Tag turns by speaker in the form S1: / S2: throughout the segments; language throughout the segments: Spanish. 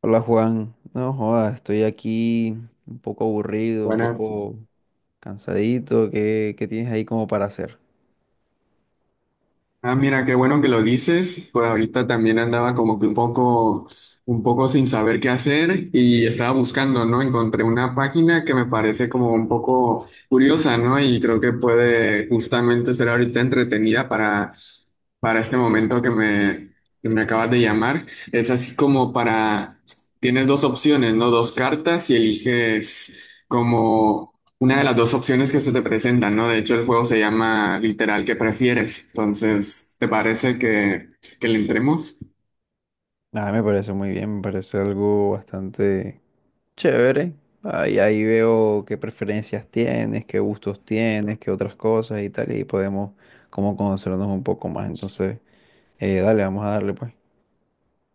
S1: Hola Juan, no jodas, estoy aquí un poco aburrido, un
S2: Buenas.
S1: poco cansadito. ¿Qué, tienes ahí como para hacer?
S2: Ah, mira, qué bueno que lo dices. Pues ahorita también andaba como que un poco, sin saber qué hacer y estaba buscando, ¿no? Encontré una página que me parece como un poco curiosa, ¿no? Y creo que puede justamente ser ahorita entretenida para, este momento que me, acabas de llamar. Es así como para, tienes dos opciones, ¿no? Dos cartas y eliges como... Una de las dos opciones que se te presentan, ¿no? De hecho, el juego se llama literal ¿qué prefieres? Entonces, ¿te parece que, le entremos?
S1: Ah, me parece muy bien, me parece algo bastante chévere. Ahí veo qué preferencias tienes, qué gustos tienes, qué otras cosas y tal, y podemos como conocernos un poco más. Entonces, dale, vamos a darle pues.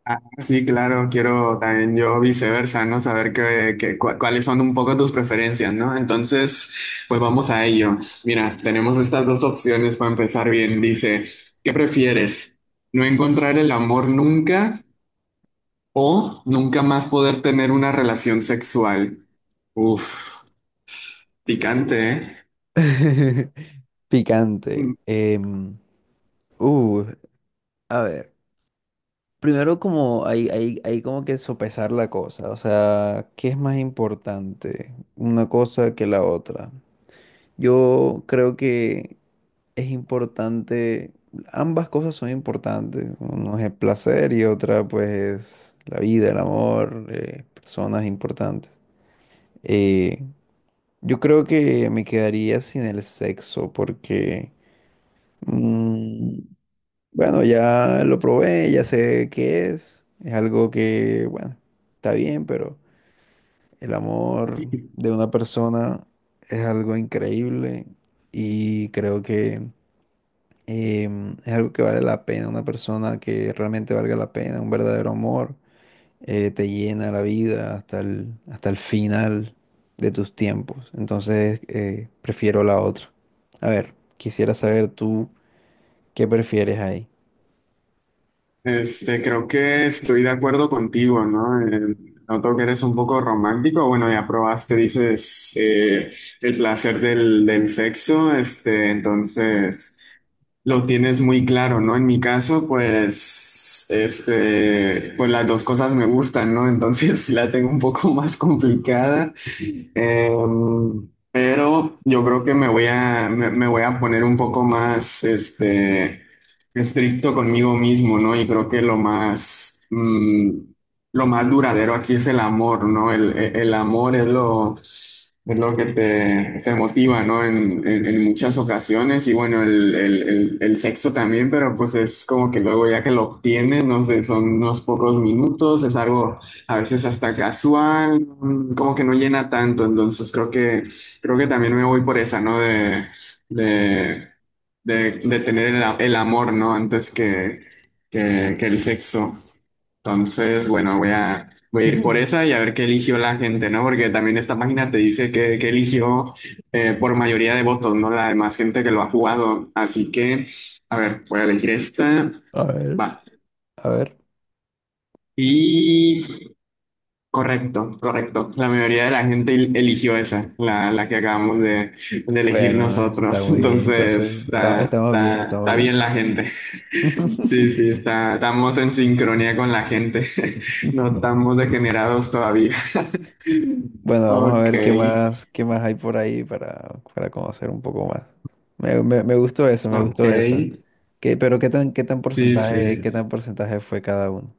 S2: Ah, sí, claro, quiero también yo viceversa, ¿no? Saber cuáles son un poco tus preferencias, ¿no? Entonces, pues vamos a ello. Mira, tenemos estas dos opciones para empezar bien. Dice, ¿qué prefieres? ¿No encontrar el amor nunca o nunca más poder tener una relación sexual? Uf, picante, ¿eh?
S1: Picante. Uh, a ver. Primero como hay como que sopesar la cosa, o sea, ¿qué es más importante? Una cosa que la otra. Yo creo que es importante, ambas cosas son importantes, uno es el placer y otra pues es la vida, el amor, personas importantes. Eh, yo creo que me quedaría sin el sexo porque… mm, bueno, ya lo probé, ya sé qué es. Es algo que, bueno, está bien, pero el amor de una persona es algo increíble y creo que es algo que vale la pena. Una persona que realmente valga la pena, un verdadero amor, te llena la vida hasta el final de tus tiempos. Entonces, prefiero la otra. A ver, quisiera saber tú qué prefieres ahí.
S2: Este, creo que estoy de acuerdo contigo, ¿no? Noto que eres un poco romántico. Bueno, ya probaste, dices, el placer del sexo. Este, entonces, lo tienes muy claro, ¿no? En mi caso, pues, este, pues las dos cosas me gustan, ¿no? Entonces, la tengo un poco más complicada. Pero yo creo que me voy a poner un poco más, este, estricto conmigo mismo, ¿no? Y creo que lo más, lo más duradero aquí es el amor, ¿no? El amor es lo que te, motiva, ¿no? En muchas ocasiones y bueno, el sexo también, pero pues es como que luego ya que lo obtienes, no sé, son unos pocos minutos, es algo a veces hasta casual, como que no llena tanto, entonces creo que también me voy por esa, ¿no? De, de tener el amor, ¿no? Antes que el sexo. Entonces, bueno, voy a ir por
S1: Ujú.
S2: esa y a ver qué eligió la gente, ¿no? Porque también esta página te dice que eligió por mayoría de votos, ¿no? La demás gente que lo ha jugado. Así que, a ver, voy a elegir esta.
S1: A ver,
S2: Va.
S1: a ver.
S2: Y correcto, correcto. La mayoría de la gente eligió esa, la que acabamos de elegir
S1: Bueno, eso está
S2: nosotros.
S1: muy bien, entonces
S2: Entonces,
S1: estamos bien, estamos
S2: está bien
S1: bien.
S2: la gente. Sí, sí, estamos en sincronía con la gente. No estamos degenerados todavía.
S1: Bueno, vamos a
S2: Ok,
S1: ver qué más hay por ahí para conocer un poco más. Me gustó eso, me
S2: ok.
S1: gustó esa. ¿Qué, pero
S2: Sí,
S1: qué
S2: sí.
S1: tan porcentaje fue cada uno?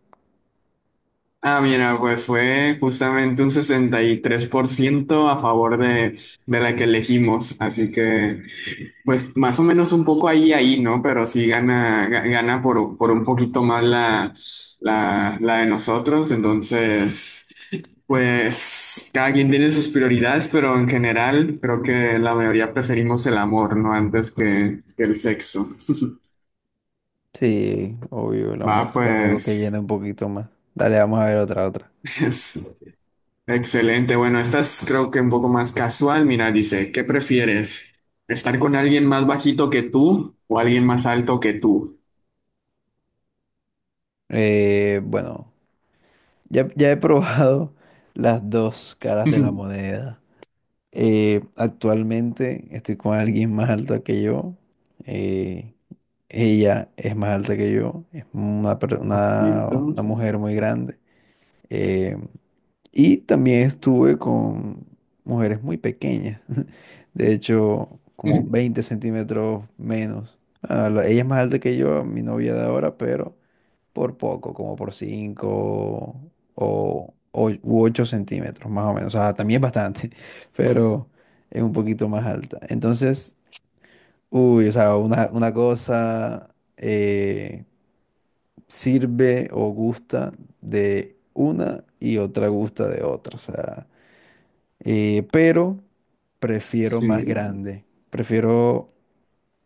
S2: Ah, mira, pues fue justamente un 63% a favor de la que elegimos. Así que... Pues más o menos un poco ahí, ¿no? Pero sí gana, gana por un poquito más la de nosotros. Entonces, pues cada quien tiene sus prioridades, pero en general creo que la mayoría preferimos el amor, ¿no? Antes que el sexo.
S1: Sí, obvio, el
S2: Va,
S1: amor es algo que llena un
S2: pues,
S1: poquito más. Dale, vamos a ver otra, otra.
S2: es excelente. Bueno, esta es creo que un poco más casual. Mira, dice, ¿qué prefieres? ¿Estar con alguien más bajito que tú o alguien más alto que tú?
S1: Bueno, ya he probado las dos caras de la moneda. Actualmente estoy con alguien más alta que yo. eh, ella es más alta que yo. Es
S2: Bajito.
S1: una mujer muy grande. eh, y también estuve con mujeres muy pequeñas. De hecho, como 20 centímetros menos. Ah, ella es más alta que yo, mi novia de ahora, pero por poco, como por 5 8 centímetros, más o menos. O sea, también es bastante, pero es un poquito más alta. Entonces, uy, o sea, una cosa sirve o gusta de una y otra gusta de otra. O sea, pero prefiero más
S2: Sí,
S1: grande. Prefiero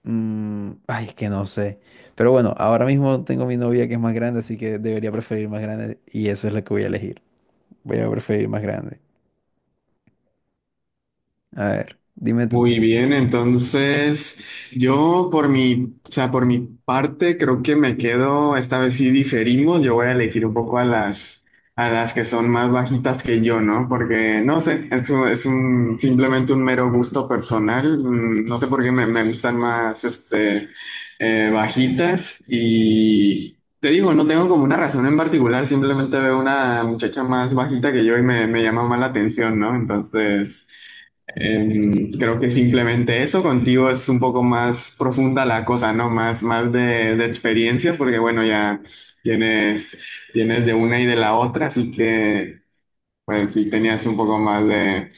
S1: Ay, es que no sé. Pero bueno, ahora mismo tengo mi novia que es más grande, así que debería preferir más grande y eso es lo que voy a elegir. Voy a preferir más grande. A ver, dime tú.
S2: muy bien. Entonces, yo por mi, o sea, por mi parte, creo que me quedo, esta vez sí diferimos, yo voy a elegir un poco a las que son más bajitas que yo, ¿no? Porque, no sé, simplemente un mero gusto personal. No sé por qué me, gustan más, este, bajitas y... Te digo, no tengo como una razón en particular, simplemente veo una muchacha más bajita que yo y me, llama más la atención, ¿no? Entonces... Creo que simplemente eso, contigo es un poco más profunda la cosa, ¿no? Más, más de experiencias, porque bueno, ya tienes, tienes de una y de la otra, así que pues sí tenías un poco más de,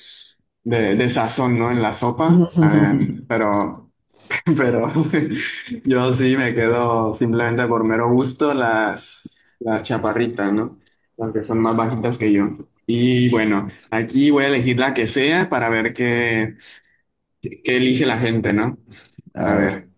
S2: de sazón, ¿no? En la sopa. Pero yo sí me quedo simplemente por mero gusto las chaparritas, ¿no? Las que son más bajitas que yo. Y bueno. Aquí voy a elegir la que sea para ver qué, qué elige la gente, ¿no?
S1: A
S2: A
S1: ver.
S2: ver.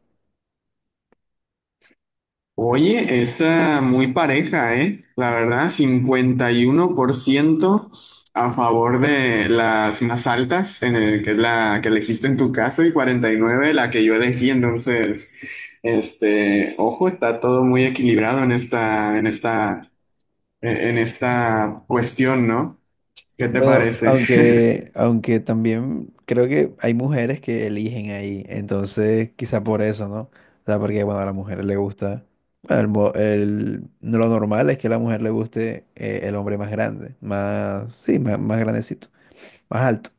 S2: Oye, está muy pareja, ¿eh? La verdad, 51% a favor de las más altas, que es la que elegiste en tu caso, y 49% la que yo elegí. Entonces, este, ojo, está todo muy equilibrado en esta, en esta, en esta cuestión, ¿no? ¿Qué te
S1: Bueno,
S2: parece?
S1: aunque también creo que hay mujeres que eligen ahí, entonces quizá por eso, ¿no? O sea, porque bueno, a la mujer le gusta, bueno, no, lo normal es que a la mujer le guste el hombre más grande, más, más grandecito, más alto.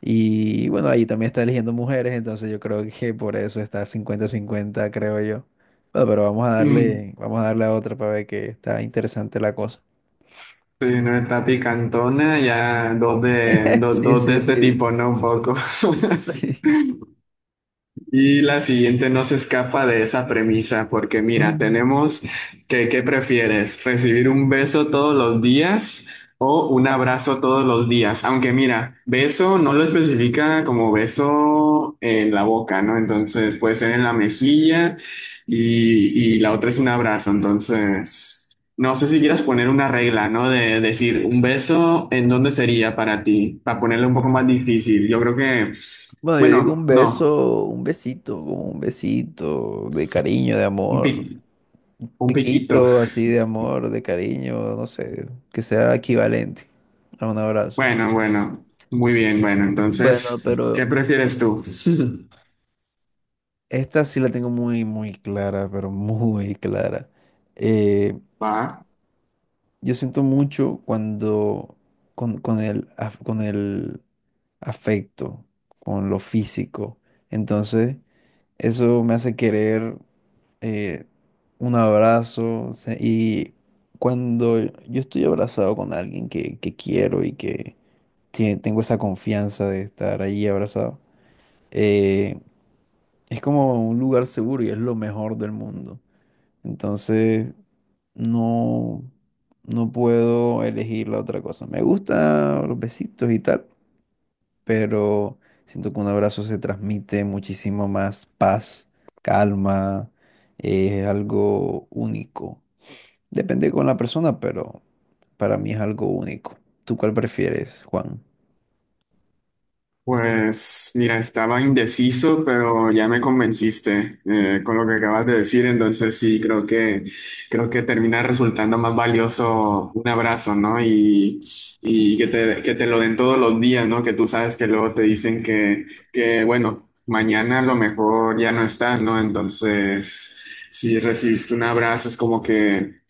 S1: Y bueno, ahí también está eligiendo mujeres, entonces yo creo que por eso está cincuenta cincuenta creo yo. Bueno, pero vamos a
S2: Mm,
S1: darle a otra para ver que está interesante la cosa.
S2: Sí, no está picantona, ya
S1: Sí,
S2: dos de
S1: sí,
S2: este
S1: sí.
S2: tipo, ¿no? Un poco. Y la siguiente no se escapa de esa premisa, porque mira,
S1: Mm.
S2: tenemos que, ¿qué prefieres? ¿Recibir un beso todos los días o un abrazo todos los días? Aunque mira, beso no lo especifica como beso en la boca, ¿no? Entonces puede ser en la mejilla y, la otra es un abrazo. Entonces, no sé si quieras poner una regla, ¿no? De decir, un beso, ¿en dónde sería para ti? Para ponerlo un poco más difícil. Yo creo que,
S1: Bueno, yo digo
S2: bueno,
S1: un
S2: no.
S1: beso, un besito, como un besito de cariño, de
S2: Un pic.
S1: amor,
S2: Un piquito.
S1: piquito así de amor, de cariño, no sé, que sea equivalente a un abrazo.
S2: Bueno, bueno. Muy bien, bueno.
S1: Bueno,
S2: Entonces, ¿qué
S1: pero
S2: prefieres tú?
S1: esta sí la tengo muy, muy clara, pero muy clara. Eh,
S2: Va.
S1: yo siento mucho cuando con con el afecto, con lo físico. Entonces, eso me hace querer eh, un abrazo. Y cuando yo estoy abrazado con alguien que quiero y que tengo esa confianza de estar ahí abrazado, eh, es como un lugar seguro y es lo mejor del mundo. Entonces, no, no puedo elegir la otra cosa. Me gusta los besitos y tal, pero siento que un abrazo se transmite muchísimo más paz, calma, es algo único. Depende con la persona, pero para mí es algo único. ¿Tú cuál prefieres, Juan?
S2: Pues mira, estaba indeciso, pero ya me convenciste con lo que acabas de decir. Entonces sí, creo que termina resultando más valioso un abrazo, ¿no? Y que te, lo den todos los días, ¿no? Que tú sabes que luego te dicen que bueno, mañana a lo mejor ya no estás, ¿no? Entonces, si recibiste un abrazo, es como que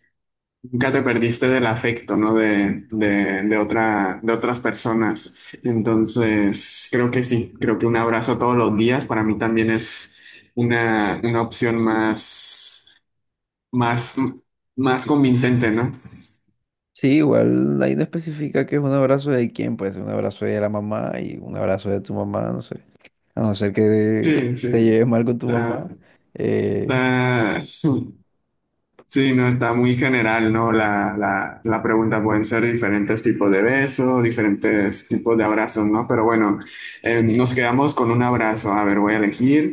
S2: nunca te perdiste del afecto, ¿no? De otra, de otras personas. Entonces, creo que sí, creo que un abrazo todos los días para mí también es una opción más, más, más convincente, ¿no?
S1: Sí, igual ahí no especifica que es un abrazo de quién, puede ser un abrazo de la mamá y un abrazo de tu mamá, no sé. A no ser que
S2: Sí,
S1: te
S2: sí.
S1: lleves mal con tu
S2: Está,
S1: mamá. eh,
S2: está- sí, no, está muy general, ¿no? La pregunta pueden ser diferentes tipos de besos, diferentes tipos de abrazos, ¿no? Pero bueno, nos quedamos con un abrazo. A ver, voy a elegir.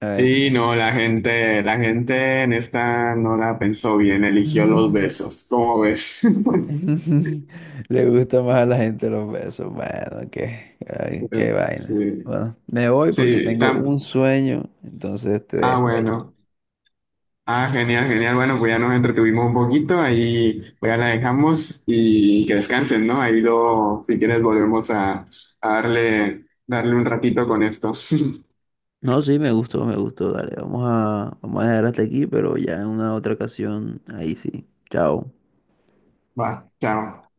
S1: a ver
S2: Y
S1: qué.
S2: no, la gente en esta no la pensó bien, eligió los besos. ¿Cómo ves?
S1: Le gusta más a la gente los besos. Bueno, qué, ay, qué
S2: Sí,
S1: vaina. Bueno, me voy porque
S2: sí,
S1: tengo
S2: tam-
S1: un sueño, entonces te
S2: ah,
S1: dejo ahí.
S2: bueno. Ah, genial, genial. Bueno, pues ya nos entretuvimos un poquito, ahí pues ya la dejamos y que descansen, ¿no? Ahí luego, si quieres, volvemos a darle un ratito con esto.
S1: No, sí, me gustó, me gustó. Dale, vamos a, vamos a dejar hasta aquí, pero ya en una otra ocasión, ahí sí. Chao.
S2: Va, chao.